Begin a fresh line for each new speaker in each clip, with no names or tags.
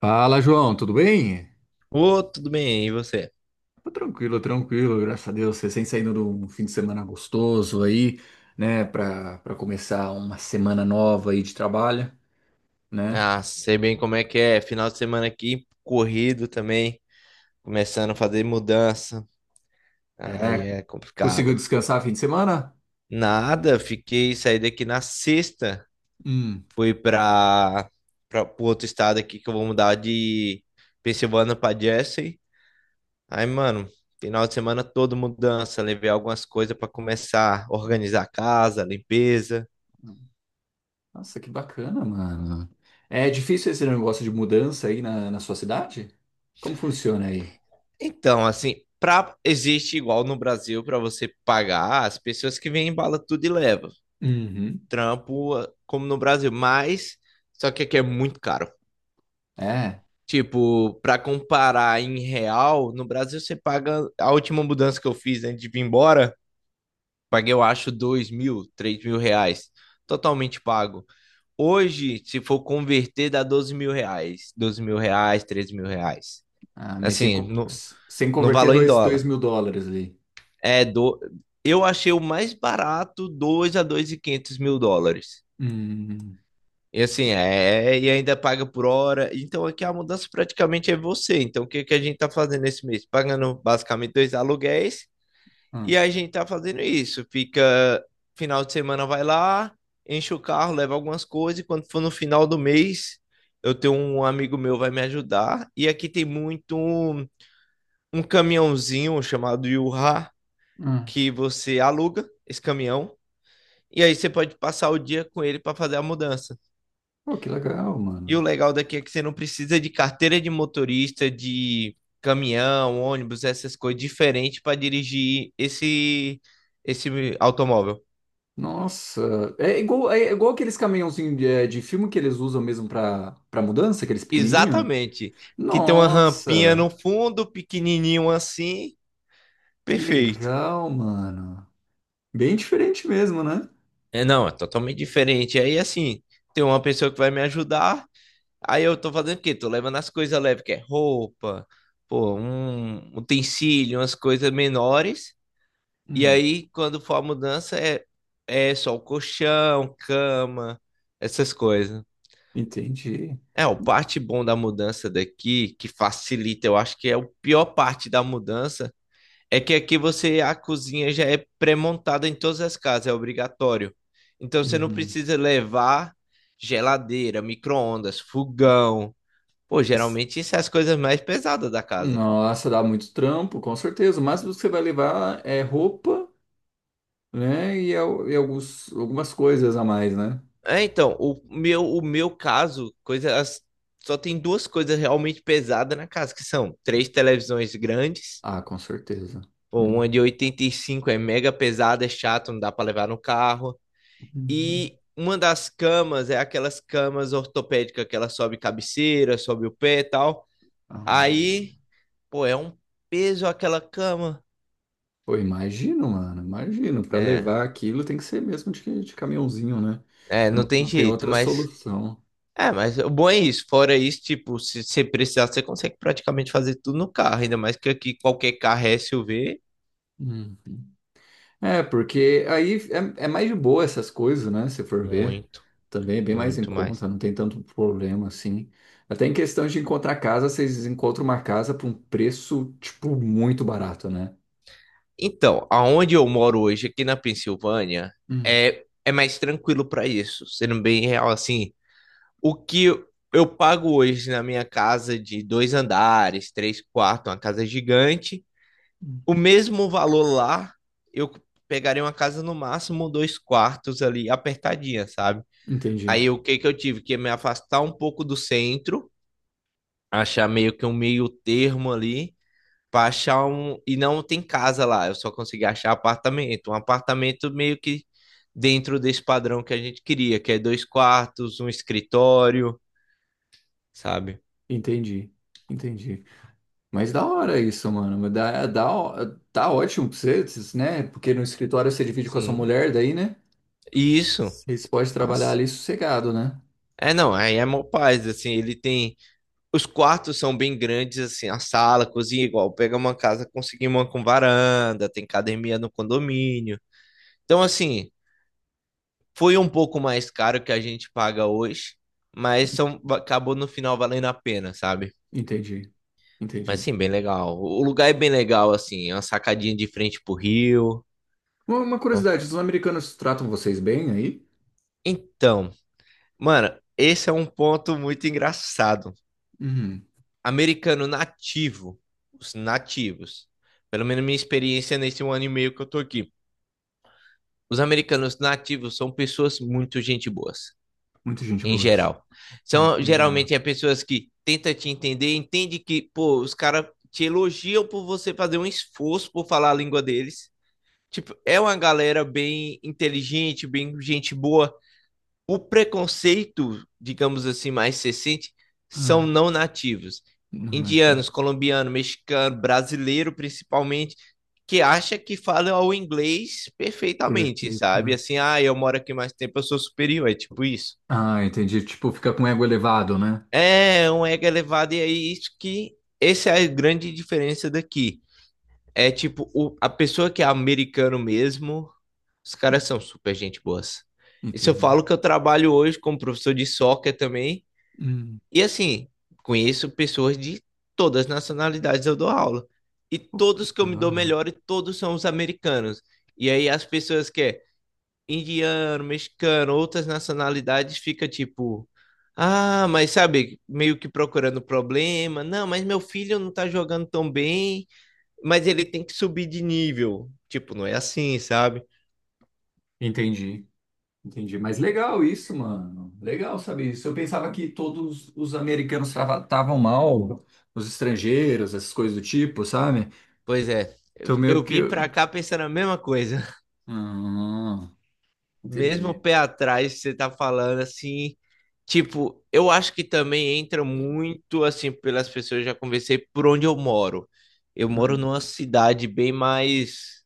Fala, João, tudo bem?
Ô, tudo bem, e você?
Tô tranquilo, tranquilo, graças a Deus. Recém saindo de um fim de semana gostoso aí, né, Pra para começar uma semana nova aí de trabalho, né?
Ah, sei bem como é que é. Final de semana aqui, corrido também, começando a fazer mudança. Aí
É,
é
conseguiu
complicado.
descansar fim de semana?
Nada, fiquei, saí daqui na sexta,
Hum.
fui para outro estado aqui que eu vou mudar de Pensilvânia para Jersey. Aí, mano, final de semana todo mudança, levei algumas coisas para começar a organizar a casa, limpeza.
Nossa, que bacana, mano. É difícil esse negócio de mudança aí na sua cidade? Como funciona aí?
Então, assim, existe igual no Brasil para você pagar as pessoas que vêm embala tudo e leva.
Uhum.
Trampo como no Brasil, mas só que aqui é muito caro.
É,
Tipo, para comparar em real, no Brasil você paga a última mudança que eu fiz antes de vir embora, paguei eu acho dois mil, três mil reais, totalmente pago. Hoje, se for converter, dá 12 mil reais, 13 mil reais.
ah, mas sem,
Assim,
co- sem
no
converter
valor em
dois
dólar.
mil dólares ali.
É, do... eu achei o mais barato 2 a dois e quinhentos mil dólares.
Hum.
E assim, e ainda paga por hora. Então aqui a mudança praticamente é você. Então o que, que a gente tá fazendo esse mês? Pagando basicamente dois aluguéis e
Ah,
a gente tá fazendo isso. Fica final de semana vai lá, enche o carro, leva algumas coisas e quando for no final do mês, eu tenho um amigo meu vai me ajudar. E aqui tem muito um caminhãozinho chamado Yurra
ah.
que você aluga esse caminhão. E aí você pode passar o dia com ele para fazer a mudança.
Pô, que legal,
E o
mano.
legal daqui é que você não precisa de carteira de motorista, de caminhão, ônibus, essas coisas diferentes para dirigir esse automóvel.
Nossa, é igual aqueles caminhãozinhos de filme que eles usam mesmo pra mudança, aqueles pequenininhos.
Exatamente. Que tem uma rampinha
Nossa,
no fundo, pequenininho assim,
que
perfeito.
legal, mano. Bem diferente mesmo, né?
É, não, é totalmente diferente. Aí assim, tem uma pessoa que vai me ajudar. Aí eu tô fazendo o quê? Tô levando as coisas leves, que é roupa, pô, um utensílio, umas coisas menores. E
Hum,
aí, quando for a mudança, é só o colchão, cama, essas coisas.
entendi.
É, o parte bom da mudança daqui, que facilita, eu acho que é o pior parte da mudança, é que aqui você, a cozinha já é pré-montada em todas as casas, é obrigatório. Então você não
Uhum.
precisa levar geladeira, micro-ondas, fogão. Pô, geralmente isso é as coisas mais pesadas da casa.
Nossa, dá muito trampo, com certeza. O máximo que você vai levar é roupa, né? E algumas coisas a mais, né?
É, então, o meu caso, só tem duas coisas realmente pesadas na casa, que são três televisões grandes,
Ah, com certeza.
pô, uma
Uhum.
de 85 é mega pesada, é chato, não dá para levar no carro,
Uhum.
e uma das camas é aquelas camas ortopédicas que ela sobe cabeceira, sobe o pé e tal.
Ah.
Aí, pô, é um peso aquela cama.
Pô, imagino, mano, imagino. Para
É,
levar aquilo tem que ser mesmo de caminhãozinho, né? Não,
não tem
não tem
jeito,
outra
mas.
solução.
É, mas o bom é isso. Fora isso, tipo, se você precisar, você consegue praticamente fazer tudo no carro. Ainda mais que aqui qualquer carro é SUV.
Uhum. É, porque aí é mais de boa essas coisas, né? Se for ver,
Muito,
também é bem mais em
muito mais.
conta, não tem tanto problema assim. Até em questão de encontrar casa, vocês encontram uma casa por um preço, tipo, muito barato, né?
Então, aonde eu moro hoje, aqui na Pensilvânia,
Hum.
é mais tranquilo para isso. Sendo bem real, assim, o que eu pago hoje na minha casa de dois andares, três quartos, uma casa gigante, o mesmo valor lá, eu pegaria uma casa no máximo dois quartos ali, apertadinha, sabe?
Entendi,
Aí o que que eu tive? Que me afastar um pouco do centro, achar meio que um meio termo ali, pra achar um. E não tem casa lá, eu só consegui achar apartamento. Um apartamento meio que dentro desse padrão que a gente queria, que é dois quartos, um escritório, sabe?
entendi, entendi. Mas da hora isso, mano. Tá ótimo pra vocês, né? Porque no escritório você divide com a sua
Sim.
mulher, daí, né?
E isso,
Vocês podem trabalhar
nossa.
ali sossegado, né?
É, não, aí é mó paz, assim, ele tem... Os quartos são bem grandes, assim, a sala, a cozinha, igual, pega uma casa, conseguimos uma com varanda, tem academia no condomínio. Então, assim, foi um pouco mais caro que a gente paga hoje, mas são, acabou no final valendo a pena, sabe?
Entendi,
Mas
entendi.
sim, bem legal. O lugar é bem legal, assim, é uma sacadinha de frente pro rio.
Uma
Bom,
curiosidade, os americanos tratam vocês bem aí?
então, mano, esse é um ponto muito engraçado.
Uhum,
Americano nativo, os nativos, pelo menos minha experiência nesse um ano e meio que eu tô aqui. Os americanos nativos são pessoas muito gente boas
muita gente
em
boa.
geral.
Ah,
São
que legal.
geralmente é pessoas que tenta te entender, entende que, pô, os caras te elogiam por você fazer um esforço por falar a língua deles. Tipo, é uma galera bem inteligente, bem gente boa. O preconceito, digamos assim, mais recente, são
Ah,
não nativos.
não
Indianos,
achei.
colombiano, mexicano, brasileiro principalmente, que acha que fala o inglês perfeitamente,
Perfeito,
sabe?
né?
Assim, ah, eu moro aqui mais tempo, eu sou superior, é tipo isso.
Ah, entendi. Tipo, fica com ego elevado, né?
É um ego elevado, e é isso que. Essa é a grande diferença daqui. É tipo, a pessoa que é americano mesmo, os caras são super gente boas. E se eu
Entendi.
falo que eu trabalho hoje como professor de soccer também,
Hum,
e assim, conheço pessoas de todas as nacionalidades eu dou aula. E
pô, que
todos que eu me dou
legal.
melhor, e todos são os americanos. E aí as pessoas que é, indiano, mexicano, outras nacionalidades, fica tipo, ah, mas sabe, meio que procurando problema. Não, mas meu filho não tá jogando tão bem, mas ele tem que subir de nível. Tipo, não é assim, sabe?
Entendi. Entendi. Mas legal isso, mano. Legal saber isso. Eu pensava que todos os americanos tratavam mal os estrangeiros, essas coisas do tipo, sabe?
Pois é. Eu
Então meio
eu
que.
vim pra cá pensando a mesma coisa.
Ah,
Mesmo o
entendi.
pé atrás, você tá falando assim, tipo, eu acho que também entra muito assim pelas pessoas, eu já conversei por onde eu moro. Eu moro
Ah.
numa cidade bem mais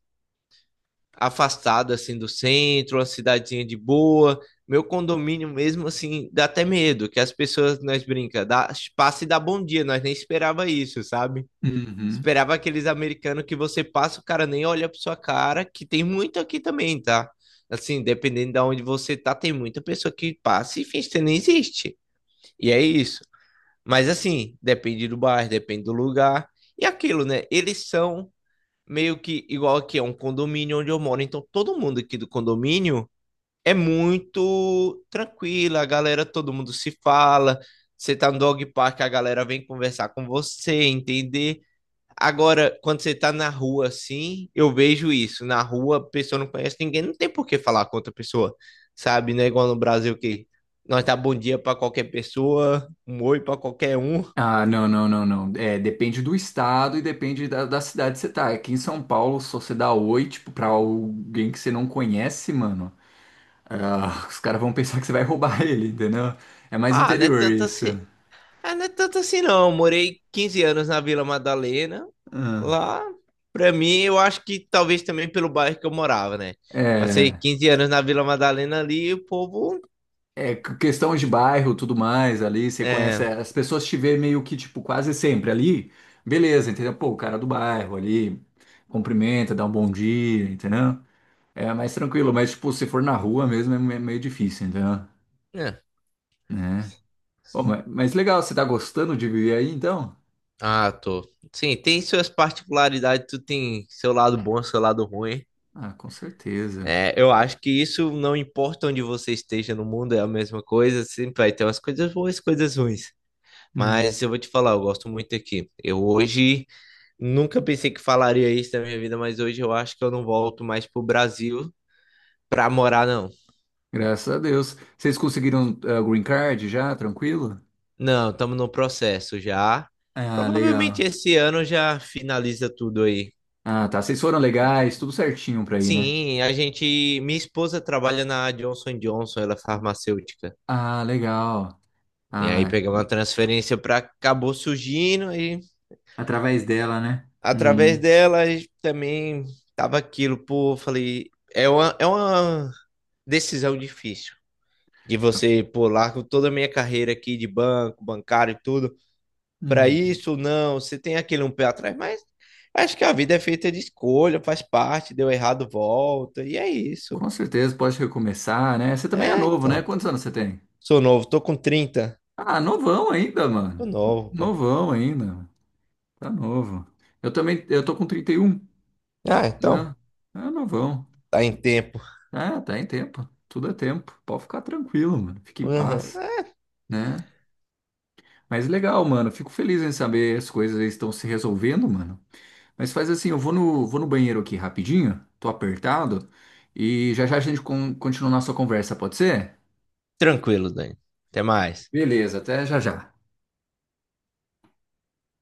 afastado assim do centro, uma cidadezinha de boa. Meu condomínio mesmo assim dá até medo, que as pessoas nós brinca, dá, passa e dá bom dia, nós nem esperava isso, sabe?
Uhum.
Esperava aqueles americanos que você passa, o cara nem olha pra sua cara, que tem muito aqui também, tá? Assim, dependendo de onde você tá, tem muita pessoa que passa e finge que você nem existe. E é isso. Mas assim, depende do bairro, depende do lugar. E aquilo, né? Eles são meio que igual aqui, é um condomínio onde eu moro, então todo mundo aqui do condomínio é muito tranquila, a galera, todo mundo se fala. Você tá no dog park, a galera vem conversar com você, entender. Agora, quando você tá na rua assim, eu vejo isso. Na rua, a pessoa não conhece ninguém, não tem por que falar com outra pessoa, sabe? Não é igual no Brasil que nós tá bom dia pra qualquer pessoa, um oi pra qualquer um.
Ah, não, não, não, não. É, depende do estado e depende da cidade que você tá. Aqui em São Paulo, se você dá oi, tipo, pra alguém que você não conhece, mano, ah, os caras vão pensar que você vai roubar ele, entendeu? É mais
Ah, não é
interior
tanto
isso.
assim. Ah, não é tanto assim não. Eu morei 15 anos na Vila Madalena.
Ah,
Lá, pra mim, eu acho que talvez também pelo bairro que eu morava, né? Passei
É.
15 anos na Vila Madalena ali e o povo.
É questão de bairro, tudo mais ali, você conhece,
É,
as pessoas te veem meio que, tipo, quase sempre ali, beleza, entendeu? Pô, o cara do bairro ali, cumprimenta, dá um bom dia, entendeu? É mais tranquilo, mas, tipo, se for na rua mesmo é meio difícil, entendeu?
é.
Né? Pô, mas, legal, você tá gostando de viver aí, então?
Ah, tô. Sim, tem suas particularidades, tu tem seu lado bom, seu lado ruim.
Ah, com certeza.
É, eu acho que isso não importa onde você esteja no mundo, é a mesma coisa, sempre vai ter umas coisas boas, coisas ruins.
Hum.
Mas eu vou te falar, eu gosto muito aqui. Eu hoje nunca pensei que falaria isso na minha vida, mas hoje eu acho que eu não volto mais pro Brasil pra morar, não.
Graças a Deus. Vocês conseguiram green card já, tranquilo?
Não, estamos no processo já.
Ah,
Provavelmente
legal.
esse ano já finaliza tudo aí.
Ah, tá, vocês foram legais, tudo certinho pra ir, né?
Sim, a gente. Minha esposa trabalha na Johnson Johnson, ela é farmacêutica.
Ah, legal.
E aí
Ah,
pegamos uma transferência para acabou surgindo e
através dela, né?
através
Uhum.
dela a gente também tava aquilo, pô, falei, é uma decisão difícil de você, pô, largo toda a minha carreira aqui de banco, bancário e tudo para
Uhum.
isso, não, você tem aquele um pé atrás, mas acho que a vida é feita de escolha, faz parte, deu errado, volta, e é isso.
Com certeza, pode recomeçar, né? Você também é
É,
novo, né?
então.
Quantos anos você tem?
Sou novo, tô com 30.
Ah, novão ainda,
Tô
mano.
novo, pô.
Novão ainda. Tá novo. Eu também, eu tô com 31,
Ah,
né?
então,
Ah, novão.
tá em tempo.
Ah, tá em tempo. Tudo é tempo. Pode ficar tranquilo, mano. Fique em
Uhum.
paz,
É,
né? Mas legal, mano. Fico feliz em saber as coisas estão se resolvendo, mano. Mas faz assim, eu vou no banheiro aqui rapidinho, tô apertado, e já já a gente continua a nossa conversa, pode ser?
tranquilo, Dani. Até mais.
Beleza, até já já.